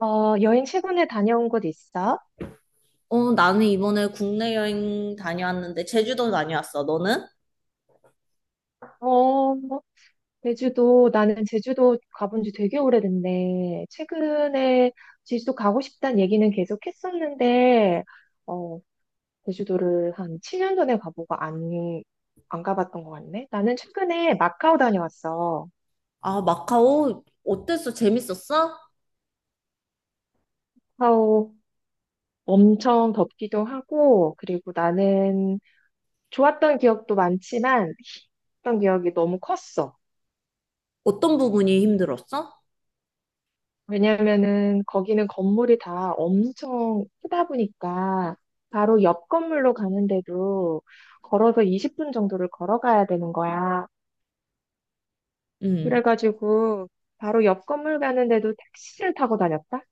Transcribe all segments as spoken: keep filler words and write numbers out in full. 어, 여행 최근에 다녀온 곳 있어? 어, 나는 이번에 국내 여행 다녀왔는데 제주도 다녀왔어. 너는? 어, 제주도, 나는 제주도 가본 지 되게 오래됐네. 최근에 제주도 가고 싶다는 얘기는 계속 했었는데, 어, 제주도를 한 칠 년 전에 가보고 안, 안 가봤던 것 같네. 나는 최근에 마카오 다녀왔어. 아, 마카오 어땠어? 재밌었어? 마카오 엄청 덥기도 하고, 그리고 나는 좋았던 기억도 많지만, 했던 기억이 너무 컸어. 어떤 부분이 힘들었어? 왜냐면은 거기는 건물이 다 엄청 크다 보니까 바로 옆 건물로 가는데도 걸어서 이십 분 정도를 걸어가야 되는 거야. 음. 그래가지고 바로 옆 건물 가는데도 택시를 타고 다녔다?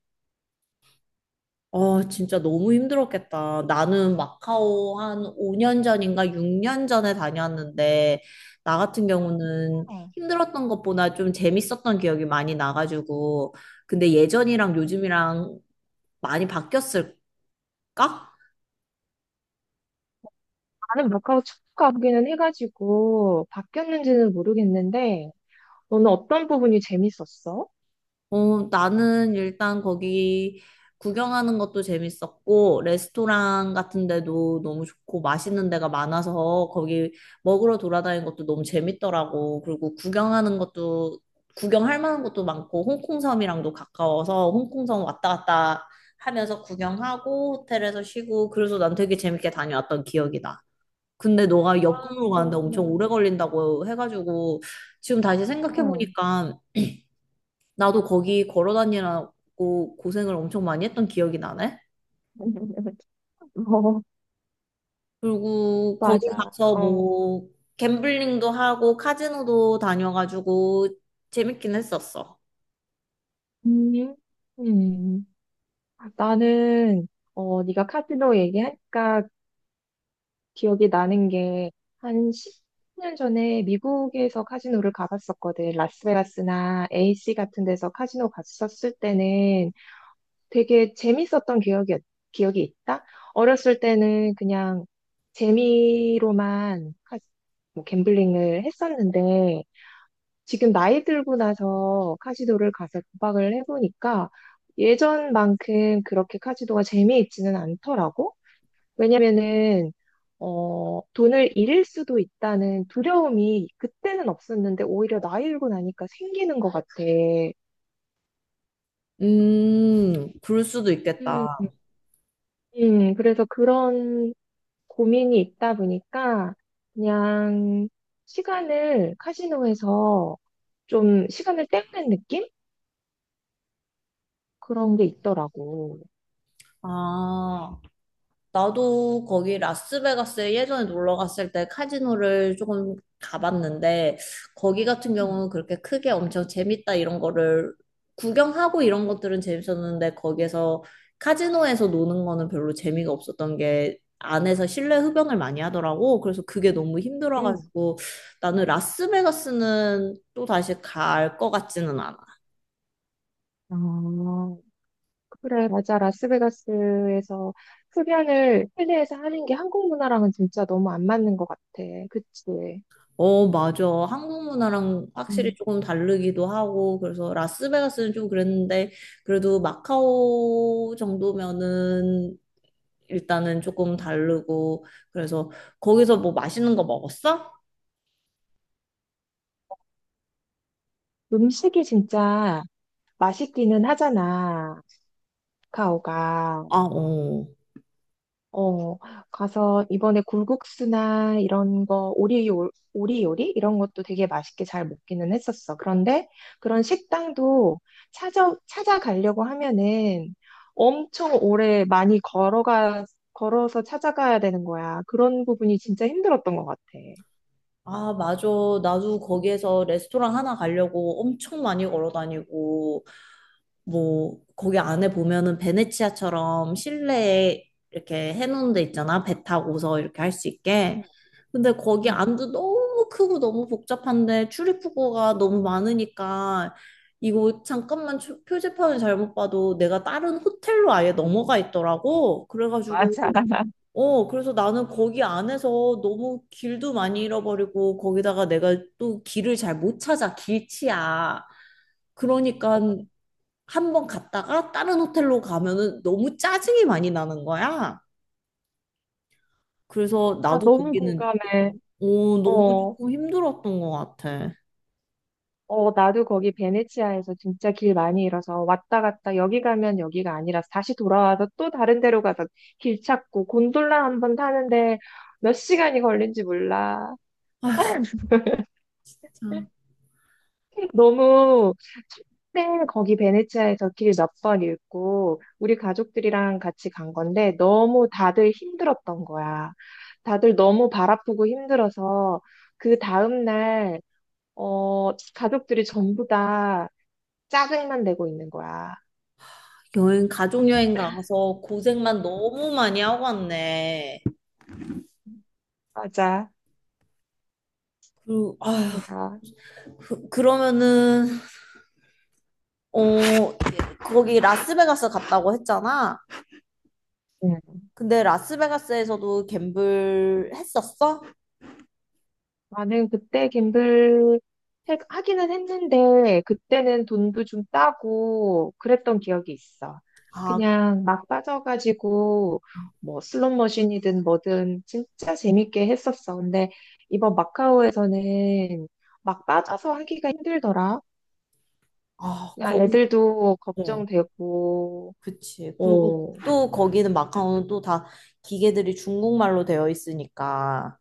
아, 진짜 너무 힘들었겠다. 나는 마카오 한 오 년 전인가 육 년 전에 다녀왔는데 나 같은 경우는 어. 힘들었던 것보다 좀 재밌었던 기억이 많이 나가지고 근데 예전이랑 요즘이랑 많이 바뀌었을까? 나는 마카오 축가하기는 해가지고 바뀌었는지는 모르겠는데 너는 어떤 부분이 재밌었어? 어, 나는 일단 거기 구경하는 것도 재밌었고, 레스토랑 같은 데도 너무 좋고, 맛있는 데가 많아서 거기 먹으러 돌아다니는 것도 너무 재밌더라고. 그리고 구경하는 것도, 구경할 만한 것도 많고, 홍콩섬이랑도 가까워서 홍콩섬 왔다 갔다 하면서 구경하고, 호텔에서 쉬고, 그래서 난 되게 재밌게 다녀왔던 기억이 나. 근데 너가 아, 역경으로 가는데 그랬구나. 엄청 오래 걸린다고 해가지고, 지금 다시 음. 어. 생각해보니까 나도 거기 걸어 다니라고 고생을 엄청 많이 했던 기억이 나네. 어, 그리고 거기 맞아. 가서 어. 뭐 갬블링도 하고 카지노도 다녀가지고 재밌긴 했었어. 음. 음. 나는 어 네가 카지노 얘기하니까 기억이 나는 게 한 십 년 전에 미국에서 카지노를 가봤었거든. 라스베가스나 에이씨 같은 데서 카지노 갔었을 때는 되게 재밌었던 기억이 기억이 있다. 어렸을 때는 그냥 재미로만 카- 뭐 갬블링을 했었는데 지금 나이 들고 나서 카지노를 가서 도박을 해보니까 예전만큼 그렇게 카지노가 재미있지는 않더라고. 왜냐면은, 어, 돈을 잃을 수도 있다는 두려움이 그때는 없었는데 오히려 나이 들고 나니까 생기는 것 같아. 음, 그럴 수도 음, 있겠다. 음, 그래서 그런 고민이 있다 보니까 그냥 시간을 카지노에서 좀 시간을 때우는 느낌? 그런 게 있더라고. 아, 나도 거기 라스베가스에 예전에 놀러 갔을 때 카지노를 조금 가봤는데, 거기 같은 경우는 그렇게 크게 엄청 재밌다 이런 거를 구경하고 이런 것들은 재밌었는데, 거기에서 카지노에서 노는 거는 별로 재미가 없었던 게 안에서 실내 흡연을 많이 하더라고. 그래서 그게 너무 음. 힘들어가지고 나는 라스베가스는 또 다시 갈 것 같지는 않아. 어, 그래, 맞아. 라스베가스에서 흡연을 실내에서 하는 게 한국 문화랑은 진짜 너무 안 맞는 것 같아. 그치? 어, 맞아. 한국 문화랑 확실히 음. 조금 다르기도 하고, 그래서 라스베가스는 좀 그랬는데, 그래도 마카오 정도면은 일단은 조금 다르고, 그래서 거기서 뭐 맛있는 거 먹었어? 음식이 진짜 맛있기는 하잖아. 카카오가. 아, 어. 어, 가서 이번에 굴국수나 이런 거, 오리, 요- 오리 요리? 이런 것도 되게 맛있게 잘 먹기는 했었어. 그런데 그런 식당도 찾아, 찾아가려고 하면은 엄청 오래 많이 걸어가, 걸어서 찾아가야 되는 거야. 그런 부분이 진짜 힘들었던 것 같아. 아, 맞아. 나도 거기에서 레스토랑 하나 가려고 엄청 많이 걸어 다니고, 뭐 거기 안에 보면은 베네치아처럼 실내에 이렇게 해놓은 데 있잖아. 배 타고서 이렇게 할 수 있게. 음, 근데 거기 응. 안도 너무 크고 너무 복잡한데 출입구가 너무 많으니까 이거 잠깐만 추- 표지판을 잘못 봐도 내가 다른 호텔로 아예 넘어가 있더라고. 그래가지고 맞아. 어 그래서 나는 거기 안에서 너무 길도 많이 잃어버리고 거기다가 내가 또 길을 잘 못 찾아 길치야. 그러니까 한 번 갔다가 다른 호텔로 가면은 너무 짜증이 많이 나는 거야. 그래서 아, 나도 너무 거기는 공감해. 오, 너무 어, 조금 힘들었던 것 같아. 어, 나도 거기 베네치아에서 진짜 길 많이 잃어서 왔다 갔다 여기 가면 여기가 아니라 다시 돌아와서 또 다른 데로 가서 길 찾고 곤돌라 한 번 타는데 몇 시간이 걸린지 몰라. 자, 너무 처음에 거기 베네치아에서 길 몇 번 잃고 우리 가족들이랑 같이 간 건데 너무 다들 힘들었던 거야. 다들 너무 발 아프고 힘들어서 그 다음날 어, 가족들이 전부 다 짜증만 내고 있는 거야. 여행, 가족 여행 가서 고생만 너무 많이 하고 왔네. 맞아, 그리고 아휴, 맞아. 그, 그러면은 어 거기 라스베가스 갔다고 했잖아. 응. 근데 라스베가스에서도 갬블 했었어? 나는 그때 김블 해- 하기는 했는데, 그때는 돈도 좀 따고 그랬던 기억이 있어. 아, 그냥 막 빠져가지고, 뭐 슬롯 머신이든 뭐든 진짜 재밌게 했었어. 근데 이번 마카오에서는 막 빠져서 하기가 힘들더라. 아, 야, 거기 애들도 어. 걱정되고, 그치. 그리고 어. 또 거기는 마카오는 또 다 기계들이 중국말로 되어 있으니까.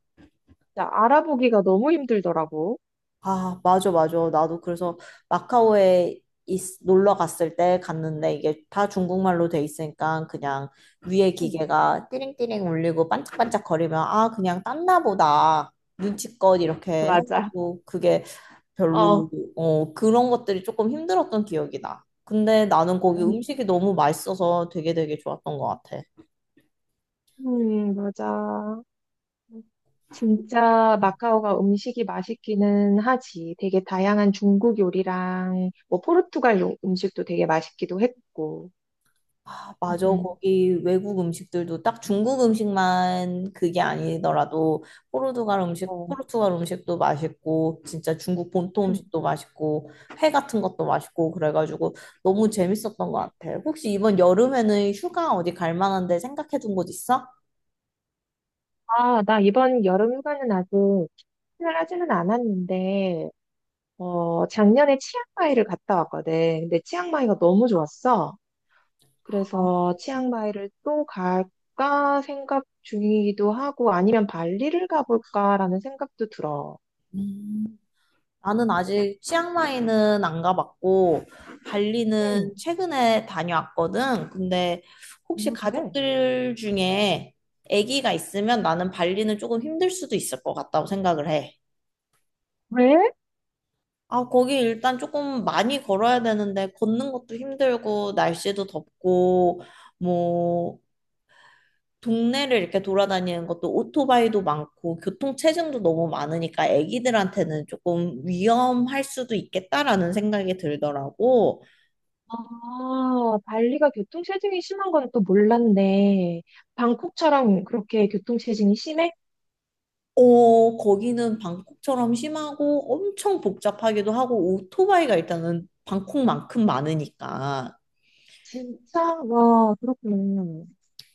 진짜 알아보기가 너무 힘들더라고. 아, 맞아, 맞아. 나도 그래서 마카오에 있- 놀러 갔을 때 갔는데 이게 다 중국말로 돼 있으니까 그냥 위에 응, 기계가 띠링띠링 울리고 반짝반짝 거리면 아, 그냥 땄나 보다. 눈치껏 이렇게 맞아. 해가지고 그게 별로, 어, 어, 그런 것들이 조금 힘들었던 기억이 나 근데 나는 거기 음, 음식이 너무 맛있어서 되게 되게 좋았던 것 같아. 음, 맞아. 진짜 마카오가 음식이 맛있기는 하지. 되게 다양한 중국 요리랑 뭐 포르투갈 요- 음식도 되게 맛있기도 했고. 맞아. 음, 거기 외국 음식들도 딱 중국 음식만 그게 아니더라도 포르투갈 음식, 어. 포르투갈 음식도 맛있고 진짜 중국 본토 음. 음식도 맛있고 회 같은 것도 맛있고 그래가지고 너무 재밌었던 것 같아. 혹시 이번 여름에는 휴가 어디 갈 만한데 생각해 둔 곳 있어? 아, 나 이번 여름 휴가는 아직 추진을 하지는 않았는데, 어, 작년에 치앙마이를 갔다 왔거든. 근데 치앙마이가 너무 좋았어. 어. 그래서 치앙마이를 또 갈까 생각 중이기도 하고 아니면 발리를 가볼까라는 생각도 들어. 음. 나는 아직 치앙마이는 안 가봤고 발리는 음, 최근에 다녀왔거든. 근데 혹시 음, 그래. 가족들 중에 아기가 있으면 나는 발리는 조금 힘들 수도 있을 것 같다고 생각을 해. 왜? 아, 거기 일단 조금 많이 걸어야 되는데 걷는 것도 힘들고 날씨도 덥고 뭐 동네를 이렇게 돌아다니는 것도 오토바이도 많고 교통 체증도 너무 많으니까 애기들한테는 조금 위험할 수도 있겠다라는 생각이 들더라고. 아, 발리가 교통체증이 심한 건 또 몰랐네. 방콕처럼 그렇게 교통체증이 심해? 어, 거기는 방콕처럼 심하고 엄청 복잡하기도 하고 오토바이가 일단은 방콕만큼 많으니까. 진짜? 와, 그렇구나.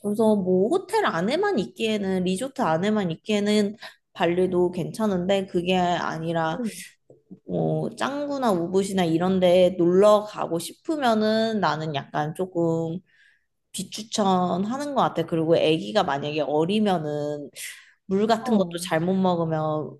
그래서 뭐 호텔 안에만 있기에는 리조트 안에만 있기에는 발리도 괜찮은데 그게 아니라 응. 뭐 짱구나 우붓이나 이런 데 놀러 가고 싶으면은 나는 약간 조금 비추천하는 것 같아. 그리고 아기가 만약에 어리면은 물 같은 것도 어. 잘못 먹으면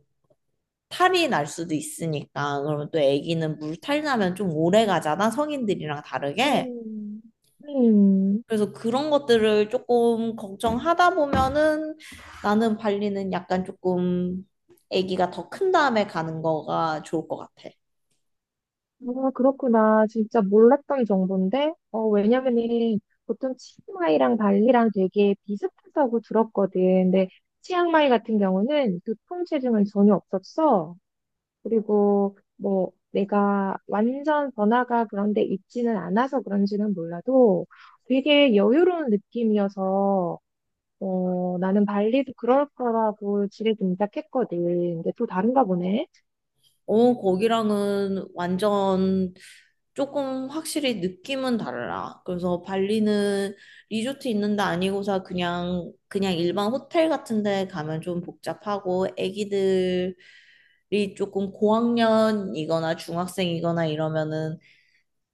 탈이 날 수도 있으니까 그러면 또 아기는 물탈 나면 좀 오래 가잖아. 성인들이랑 다르게. 음, 음. 그래서 그런 것들을 조금 걱정하다 보면은 나는 발리는 약간 조금 아기가 더 큰 다음에 가는 거가 좋을 것 같아. 아, 그렇구나. 진짜 몰랐던 정보인데? 어, 왜냐면은 보통 치앙마이랑 발리랑 되게 비슷하다고 들었거든. 근데 치앙마이 같은 경우는 교통체증은 전혀 없었어. 그리고 뭐 내가 완전 번화가 그런 데 있지는 않아서 그런지는 몰라도 되게 여유로운 느낌이어서 어, 나는 발리도 그럴 거라고 지레 짐작했거든. 근데 또 다른가 보네. 어, 거기랑은 완전 조금 확실히 느낌은 달라. 그래서 발리는 리조트 있는 데 아니고서 그냥, 그냥 일반 호텔 같은 데 가면 좀 복잡하고 애기들이 조금 고학년이거나 중학생이거나 이러면은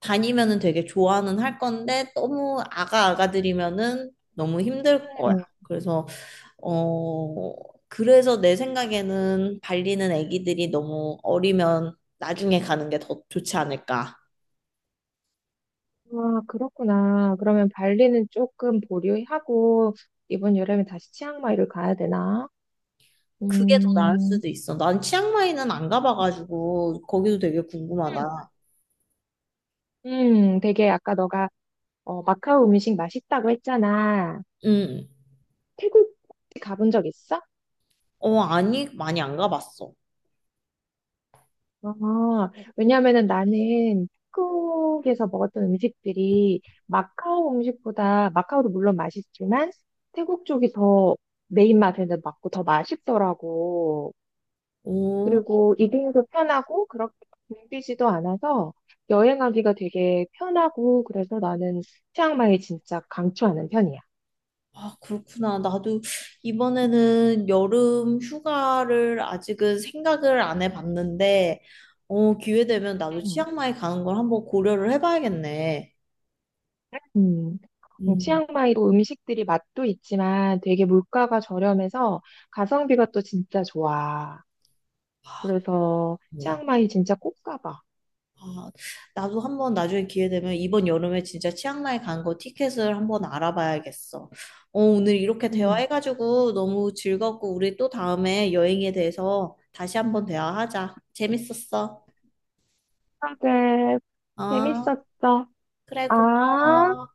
다니면은 되게 좋아는 할 건데 너무 아가아가들이면은 너무 힘들 거야. 응. 그래서 어, 그래서 내 생각에는 발리는 아기들이 너무 어리면 나중에 가는 게 더 좋지 않을까. 아, 그렇구나. 그러면 발리는 조금 보류하고 이번 여름에 다시 치앙마이를 가야 되나? 그게 더 나을 음, 수도 있어. 난 치앙마이는 안 가봐가지고 거기도 되게 음, 궁금하다. 음, 되게 아까 너가 어, 마카오 음식 맛있다고 했잖아. 응. 태국 혹시 가본 적 있어? 어, 아니, 많이 안 가봤어. 아, 왜냐면은 나는 태국에서 먹었던 음식들이 마카오 음식보다 마카오도 물론 맛있지만 태국 쪽이 더 내 입맛에는 맞고 더 맛있더라고. 오, 그리고 이동도 편하고 그렇게 붐비지도 않아서 여행하기가 되게 편하고 그래서 나는 치앙마이 진짜 강추하는 편이야. 아, 그렇구나. 나도 이번에는 여름 휴가를 아직은 생각을 안 해봤는데, 어, 기회 되면 나도 음. 치앙마이 가는 걸 한번 고려를 해봐야겠네. 음, 음, 음. 치앙마이도 음식들이 맛도 있지만 되게 물가가 저렴해서 가성비가 또 진짜 좋아. 아, 그래서 뭐. 치앙마이 진짜 꼭 가봐. 아, 나도 한번 나중에 기회 되면 이번 여름에 진짜 치앙마이 간 거 티켓을 한번 알아봐야겠어. 어, 오늘 이렇게 음. 대화해가지고 너무 즐겁고 우리 또 다음에 여행에 대해서 다시 한번 대화하자. 재밌었어. 그래, 어, 재밌었어. 그래, 아. 고마워.